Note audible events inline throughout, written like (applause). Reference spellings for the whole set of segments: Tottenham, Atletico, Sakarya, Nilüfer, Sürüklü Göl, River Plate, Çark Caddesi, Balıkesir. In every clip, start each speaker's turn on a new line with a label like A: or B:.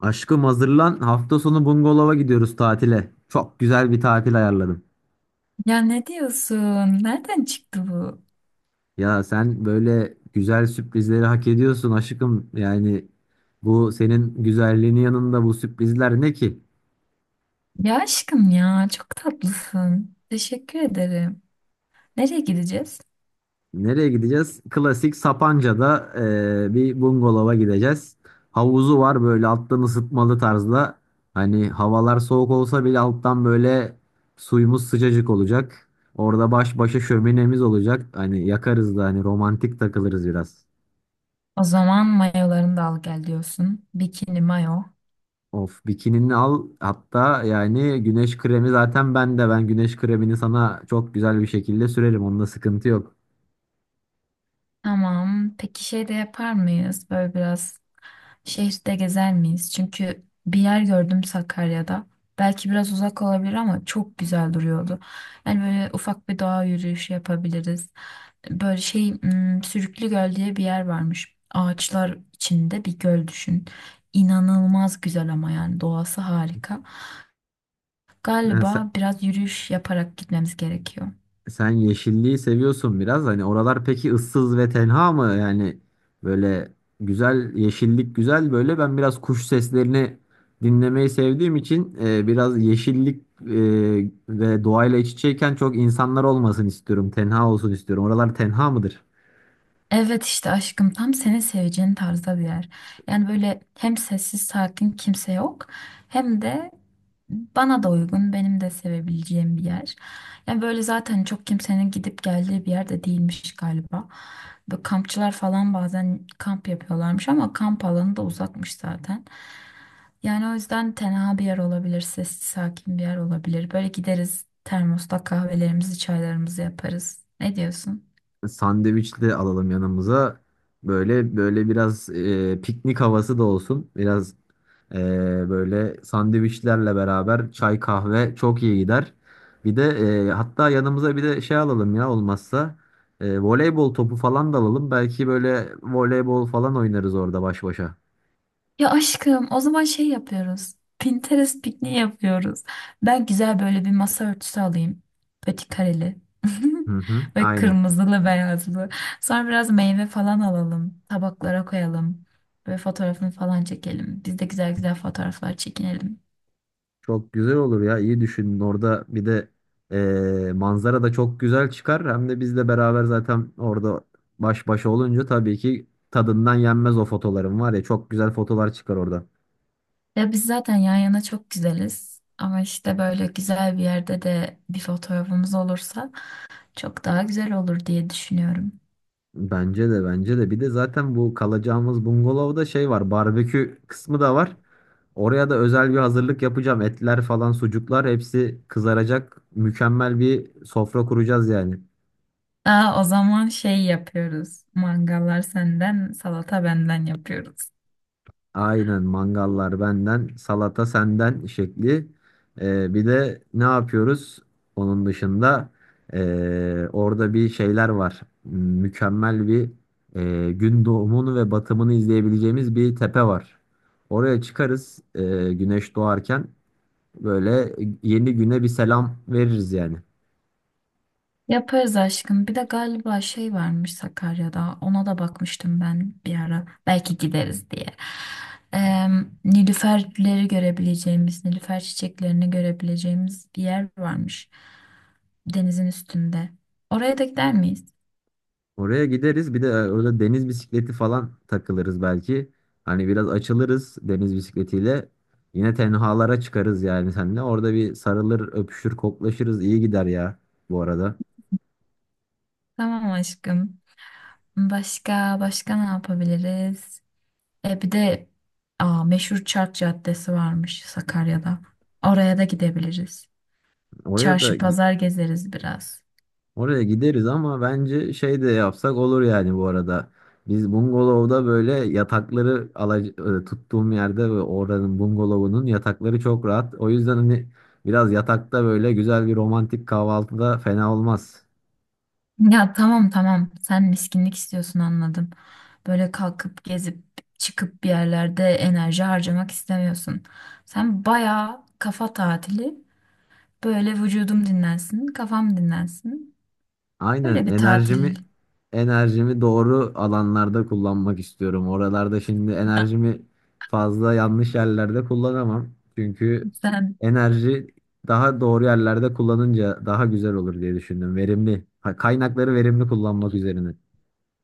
A: Aşkım hazırlan. Hafta sonu bungalova gidiyoruz tatile. Çok güzel bir tatil ayarladım.
B: Ya ne diyorsun? Nereden çıktı bu?
A: Ya sen böyle güzel sürprizleri hak ediyorsun aşkım. Yani bu senin güzelliğinin yanında bu sürprizler ne ki?
B: Ya aşkım ya çok tatlısın. Teşekkür ederim. Nereye gideceğiz?
A: Nereye gideceğiz? Klasik Sapanca'da bir bungalova gideceğiz. Havuzu var böyle alttan ısıtmalı tarzda. Hani havalar soğuk olsa bile alttan böyle suyumuz sıcacık olacak. Orada baş başa şöminemiz olacak. Hani yakarız da hani romantik takılırız biraz.
B: O zaman mayolarını da al gel diyorsun. Bikini mayo.
A: Of bikinini al hatta yani güneş kremi zaten bende, ben güneş kremini sana çok güzel bir şekilde sürerim, onda sıkıntı yok.
B: Tamam. Peki şey de yapar mıyız? Böyle biraz şehirde gezer miyiz? Çünkü bir yer gördüm Sakarya'da. Belki biraz uzak olabilir ama çok güzel duruyordu. Yani böyle ufak bir doğa yürüyüşü yapabiliriz. Böyle şey Sürüklü Göl diye bir yer varmış. Ağaçlar içinde bir göl düşün. İnanılmaz güzel ama yani doğası harika. Galiba
A: (laughs)
B: biraz yürüyüş yaparak gitmemiz gerekiyor.
A: Sen yeşilliği seviyorsun biraz. Hani oralar peki ıssız ve tenha mı? Yani böyle güzel yeşillik güzel böyle. Ben biraz kuş seslerini dinlemeyi sevdiğim için biraz yeşillik ve doğayla iç içeyken çok insanlar olmasın istiyorum. Tenha olsun istiyorum. Oralar tenha mıdır?
B: Evet işte aşkım tam senin seveceğin tarzda bir yer. Yani böyle hem sessiz sakin kimse yok, hem de bana da uygun, benim de sevebileceğim bir yer. Yani böyle zaten çok kimsenin gidip geldiği bir yer de değilmiş galiba. Böyle kampçılar falan bazen kamp yapıyorlarmış ama kamp alanı da uzakmış zaten. Yani o yüzden tenha bir yer olabilir, sessiz sakin bir yer olabilir. Böyle gideriz, termosta kahvelerimizi çaylarımızı yaparız. Ne diyorsun?
A: Sandviç de alalım yanımıza. Böyle böyle biraz piknik havası da olsun. Biraz Ee, Böyle sandviçlerle beraber çay kahve çok iyi gider. Bir de hatta yanımıza bir de şey alalım, ya olmazsa voleybol topu falan da alalım. Belki böyle voleybol falan oynarız orada baş başa.
B: Ya aşkım, o zaman şey yapıyoruz. Pinterest pikniği yapıyoruz. Ben güzel böyle bir masa örtüsü alayım. Petit kareli.
A: Hı
B: (laughs)
A: hı,
B: Ve
A: aynen.
B: kırmızılı beyazlı. Sonra biraz meyve falan alalım. Tabaklara koyalım. Böyle fotoğrafını falan çekelim. Biz de güzel güzel fotoğraflar çekinelim.
A: Çok güzel olur ya. İyi düşünün, orada bir de manzara da çok güzel çıkar. Hem de biz de beraber zaten orada baş başa olunca tabii ki tadından yenmez, o fotoların var ya, çok güzel fotolar çıkar orada.
B: Ya biz zaten yan yana çok güzeliz. Ama işte böyle güzel bir yerde de bir fotoğrafımız olursa çok daha güzel olur diye düşünüyorum.
A: Bence de, bence de. Bir de zaten bu kalacağımız bungalovda şey var. Barbekü kısmı da var. Oraya da özel bir hazırlık yapacağım. Etler falan, sucuklar hepsi kızaracak. Mükemmel bir sofra kuracağız yani.
B: Aa, o zaman şey yapıyoruz. Mangallar senden, salata benden yapıyoruz.
A: Aynen, mangallar benden, salata senden şekli. Bir de ne yapıyoruz? Onun dışında orada bir şeyler var. Mükemmel bir gün doğumunu ve batımını izleyebileceğimiz bir tepe var. Oraya çıkarız, güneş doğarken böyle yeni güne bir selam veririz yani.
B: Yaparız aşkım. Bir de galiba şey varmış Sakarya'da. Ona da bakmıştım ben bir ara. Belki gideriz diye. Eee Nilüferleri görebileceğimiz, Nilüfer çiçeklerini görebileceğimiz bir yer varmış. Denizin üstünde. Oraya da gider miyiz?
A: Oraya gideriz. Bir de orada deniz bisikleti falan takılırız belki. Hani biraz açılırız deniz bisikletiyle. Yine tenhalara çıkarız yani seninle. Orada bir sarılır, öpüşür, koklaşırız. İyi gider ya bu arada.
B: Tamam aşkım. Başka başka ne yapabiliriz? Bir de aa, meşhur Çark Caddesi varmış Sakarya'da. Oraya da gidebiliriz.
A: Oraya da
B: Çarşı
A: gi-
B: pazar gezeriz biraz.
A: Oraya gideriz ama bence şey de yapsak olur yani bu arada. Biz bungalovda böyle tuttuğum yerde ve oranın bungalovunun yatakları çok rahat. O yüzden hani biraz yatakta böyle güzel bir romantik kahvaltıda fena olmaz.
B: Ya tamam tamam, sen miskinlik istiyorsun, anladım. Böyle kalkıp gezip çıkıp bir yerlerde enerji harcamak istemiyorsun. Sen bayağı kafa tatili, böyle vücudum dinlensin kafam dinlensin.
A: Aynen
B: Böyle bir tatil.
A: enerjimi
B: (laughs)
A: enerjimi doğru alanlarda kullanmak istiyorum. Oralarda şimdi
B: Ya
A: enerjimi fazla yanlış yerlerde kullanamam. Çünkü
B: sen
A: enerji daha doğru yerlerde kullanınca daha güzel olur diye düşündüm. Verimli. Ha, kaynakları verimli kullanmak üzerine.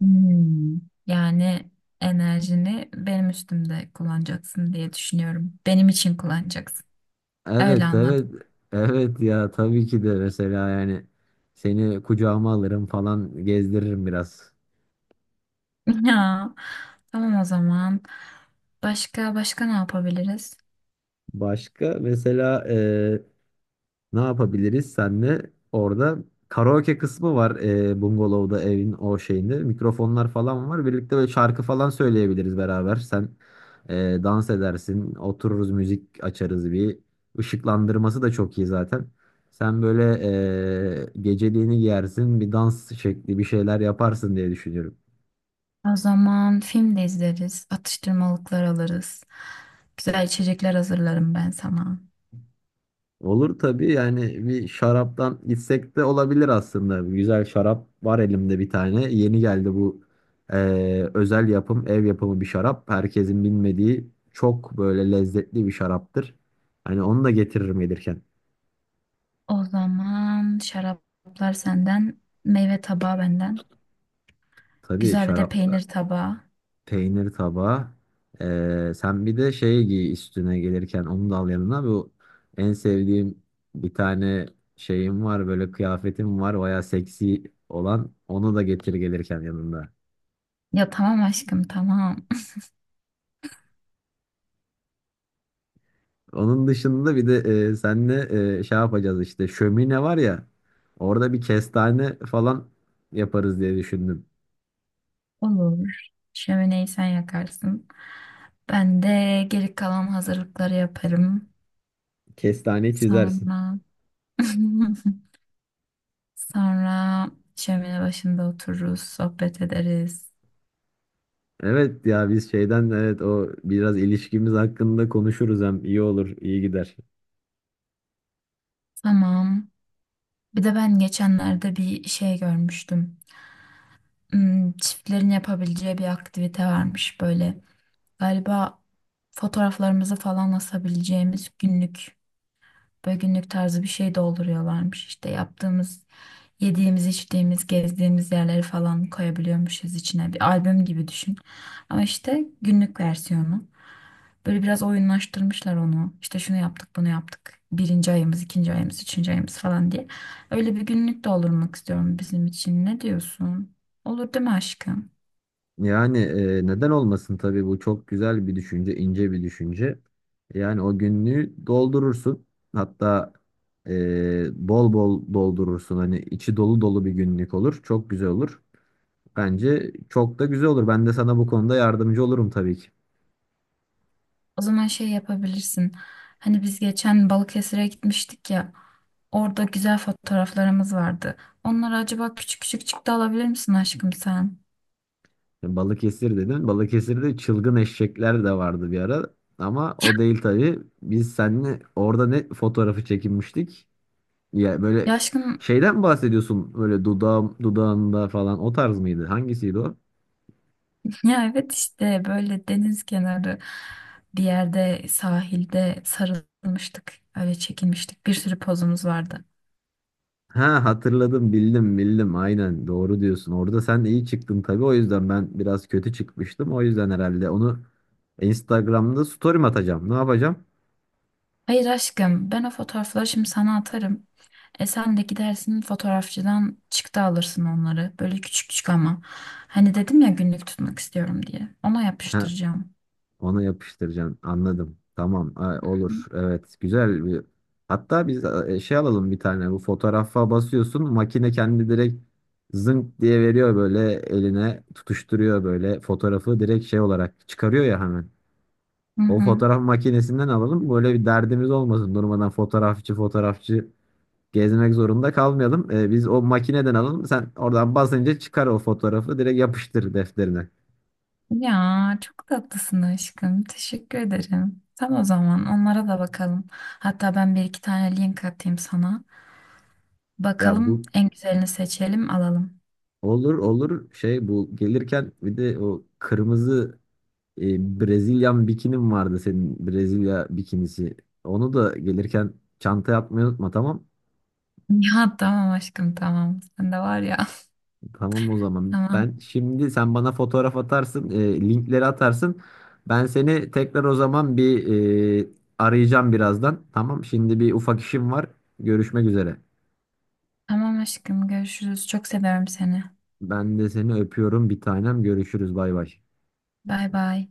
B: Hmm. Yani enerjini benim üstümde kullanacaksın diye düşünüyorum. Benim için kullanacaksın. Öyle
A: Evet
B: anladım.
A: evet evet ya tabii ki de, mesela yani seni kucağıma alırım falan, gezdiririm biraz.
B: (laughs) Ya, tamam o zaman. Başka başka ne yapabiliriz?
A: Başka mesela ne yapabiliriz senle? Orada karaoke kısmı var, bungalovda evin o şeyinde. Mikrofonlar falan var. Birlikte böyle şarkı falan söyleyebiliriz beraber. Sen e, dans edersin. Otururuz müzik açarız bir. Işıklandırması da çok iyi zaten. Sen böyle geceliğini giyersin. Bir dans şekli bir şeyler yaparsın diye düşünüyorum.
B: O zaman film de izleriz, atıştırmalıklar alırız. Güzel içecekler hazırlarım ben sana.
A: Olur tabii, yani bir şaraptan gitsek de olabilir aslında. Güzel şarap var elimde, bir tane yeni geldi. Bu özel yapım, ev yapımı bir şarap. Herkesin bilmediği çok böyle lezzetli bir şaraptır. Hani onu da getiririm gelirken.
B: O zaman şaraplar senden, meyve tabağı benden.
A: Tabii
B: Güzel bir de
A: şarapla
B: peynir tabağı.
A: peynir tabağı. Sen bir de şey giy üstüne gelirken, onu da al yanına. Bu en sevdiğim bir tane şeyim var böyle, kıyafetim var. Baya seksi olan, onu da getir gelirken yanında.
B: Ya tamam aşkım tamam.
A: Onun dışında bir de şey yapacağız işte, şömine var ya, orada bir kestane falan yaparız diye düşündüm.
B: Olur. Şömineyi sen yakarsın. Ben de geri kalan hazırlıkları yaparım.
A: Kestane çizersin.
B: Sonra (laughs) sonra şömine başında otururuz, sohbet ederiz.
A: Evet ya, biz şeyden, evet o biraz ilişkimiz hakkında konuşuruz, hem iyi olur, iyi gider.
B: Tamam. Bir de ben geçenlerde bir şey görmüştüm. Çiftlerin yapabileceği bir aktivite varmış böyle. Galiba fotoğraflarımızı falan asabileceğimiz günlük, böyle günlük tarzı bir şey dolduruyorlarmış. İşte yaptığımız, yediğimiz, içtiğimiz, gezdiğimiz yerleri falan koyabiliyormuşuz içine. Bir albüm gibi düşün. Ama işte günlük versiyonu. Böyle biraz oyunlaştırmışlar onu. İşte şunu yaptık, bunu yaptık. Birinci ayımız, ikinci ayımız, üçüncü ayımız falan diye. Öyle bir günlük doldurmak istiyorum bizim için. Ne diyorsun? Olur değil mi aşkım?
A: Yani neden olmasın tabii, bu çok güzel bir düşünce, ince bir düşünce. Yani o günlüğü doldurursun, hatta bol bol doldurursun, hani içi dolu dolu bir günlük olur, çok güzel olur. Bence çok da güzel olur. Ben de sana bu konuda yardımcı olurum tabii ki.
B: O zaman şey yapabilirsin. Hani biz geçen Balıkesir'e gitmiştik ya. Orada güzel fotoğraflarımız vardı. Onları acaba küçük küçük çıktı alabilir misin aşkım sen?
A: Balıkesir dedin. Balıkesir'de çılgın eşekler de vardı bir ara. Ama o değil tabii. Biz seninle orada ne fotoğrafı çekinmiştik? Ya böyle
B: Ya aşkım
A: şeyden mi bahsediyorsun? Böyle dudağım dudağında falan, o tarz mıydı? Hangisiydi o?
B: (laughs) ya evet işte böyle deniz kenarı bir yerde sahilde sarılmıştık. Öyle çekinmiştik. Bir sürü pozumuz vardı.
A: Ha, hatırladım, bildim bildim, aynen doğru diyorsun. Orada sen iyi çıktın tabii, o yüzden ben biraz kötü çıkmıştım. O yüzden herhalde onu Instagram'da story'm atacağım. Ne yapacağım?
B: Hayır aşkım, ben o fotoğrafları şimdi sana atarım. E sen de gidersin fotoğrafçıdan çıktı alırsın onları. Böyle küçük küçük ama. Hani dedim ya, günlük tutmak istiyorum diye. Ona yapıştıracağım.
A: Onu yapıştıracaksın. Anladım. Tamam. Ha, olur. Evet. Güzel bir. Hatta biz şey alalım bir tane. Bu fotoğrafa basıyorsun. Makine kendi direkt zınk diye veriyor böyle eline. Tutuşturuyor böyle fotoğrafı. Direkt şey olarak çıkarıyor ya hemen.
B: Hı
A: O
B: hı.
A: fotoğraf makinesinden alalım. Böyle bir derdimiz olmasın. Durmadan fotoğrafçı gezmek zorunda kalmayalım. E, biz o makineden alalım. Sen oradan basınca çıkar o fotoğrafı. Direkt yapıştır defterine.
B: Ya çok tatlısın aşkım. Teşekkür ederim. Tamam, o zaman onlara da bakalım. Hatta ben bir iki tane link atayım sana.
A: Ya
B: Bakalım
A: bu
B: en güzelini seçelim alalım. (laughs)
A: Olur olur, şey, bu gelirken bir de o kırmızı Brezilyan bikinim vardı, senin Brezilya bikinisi. Onu da gelirken çanta yapmayı unutma, tamam.
B: Ya tamam aşkım tamam. Sen de var ya. (laughs)
A: Tamam o zaman.
B: Tamam.
A: Ben şimdi, sen bana fotoğraf atarsın, linkleri atarsın. Ben seni tekrar o zaman bir e, arayacağım birazdan. Tamam, şimdi bir ufak işim var. Görüşmek üzere.
B: Tamam aşkım, görüşürüz. Çok seviyorum seni.
A: Ben de seni öpüyorum bir tanem. Görüşürüz, bay bay.
B: Bay bay.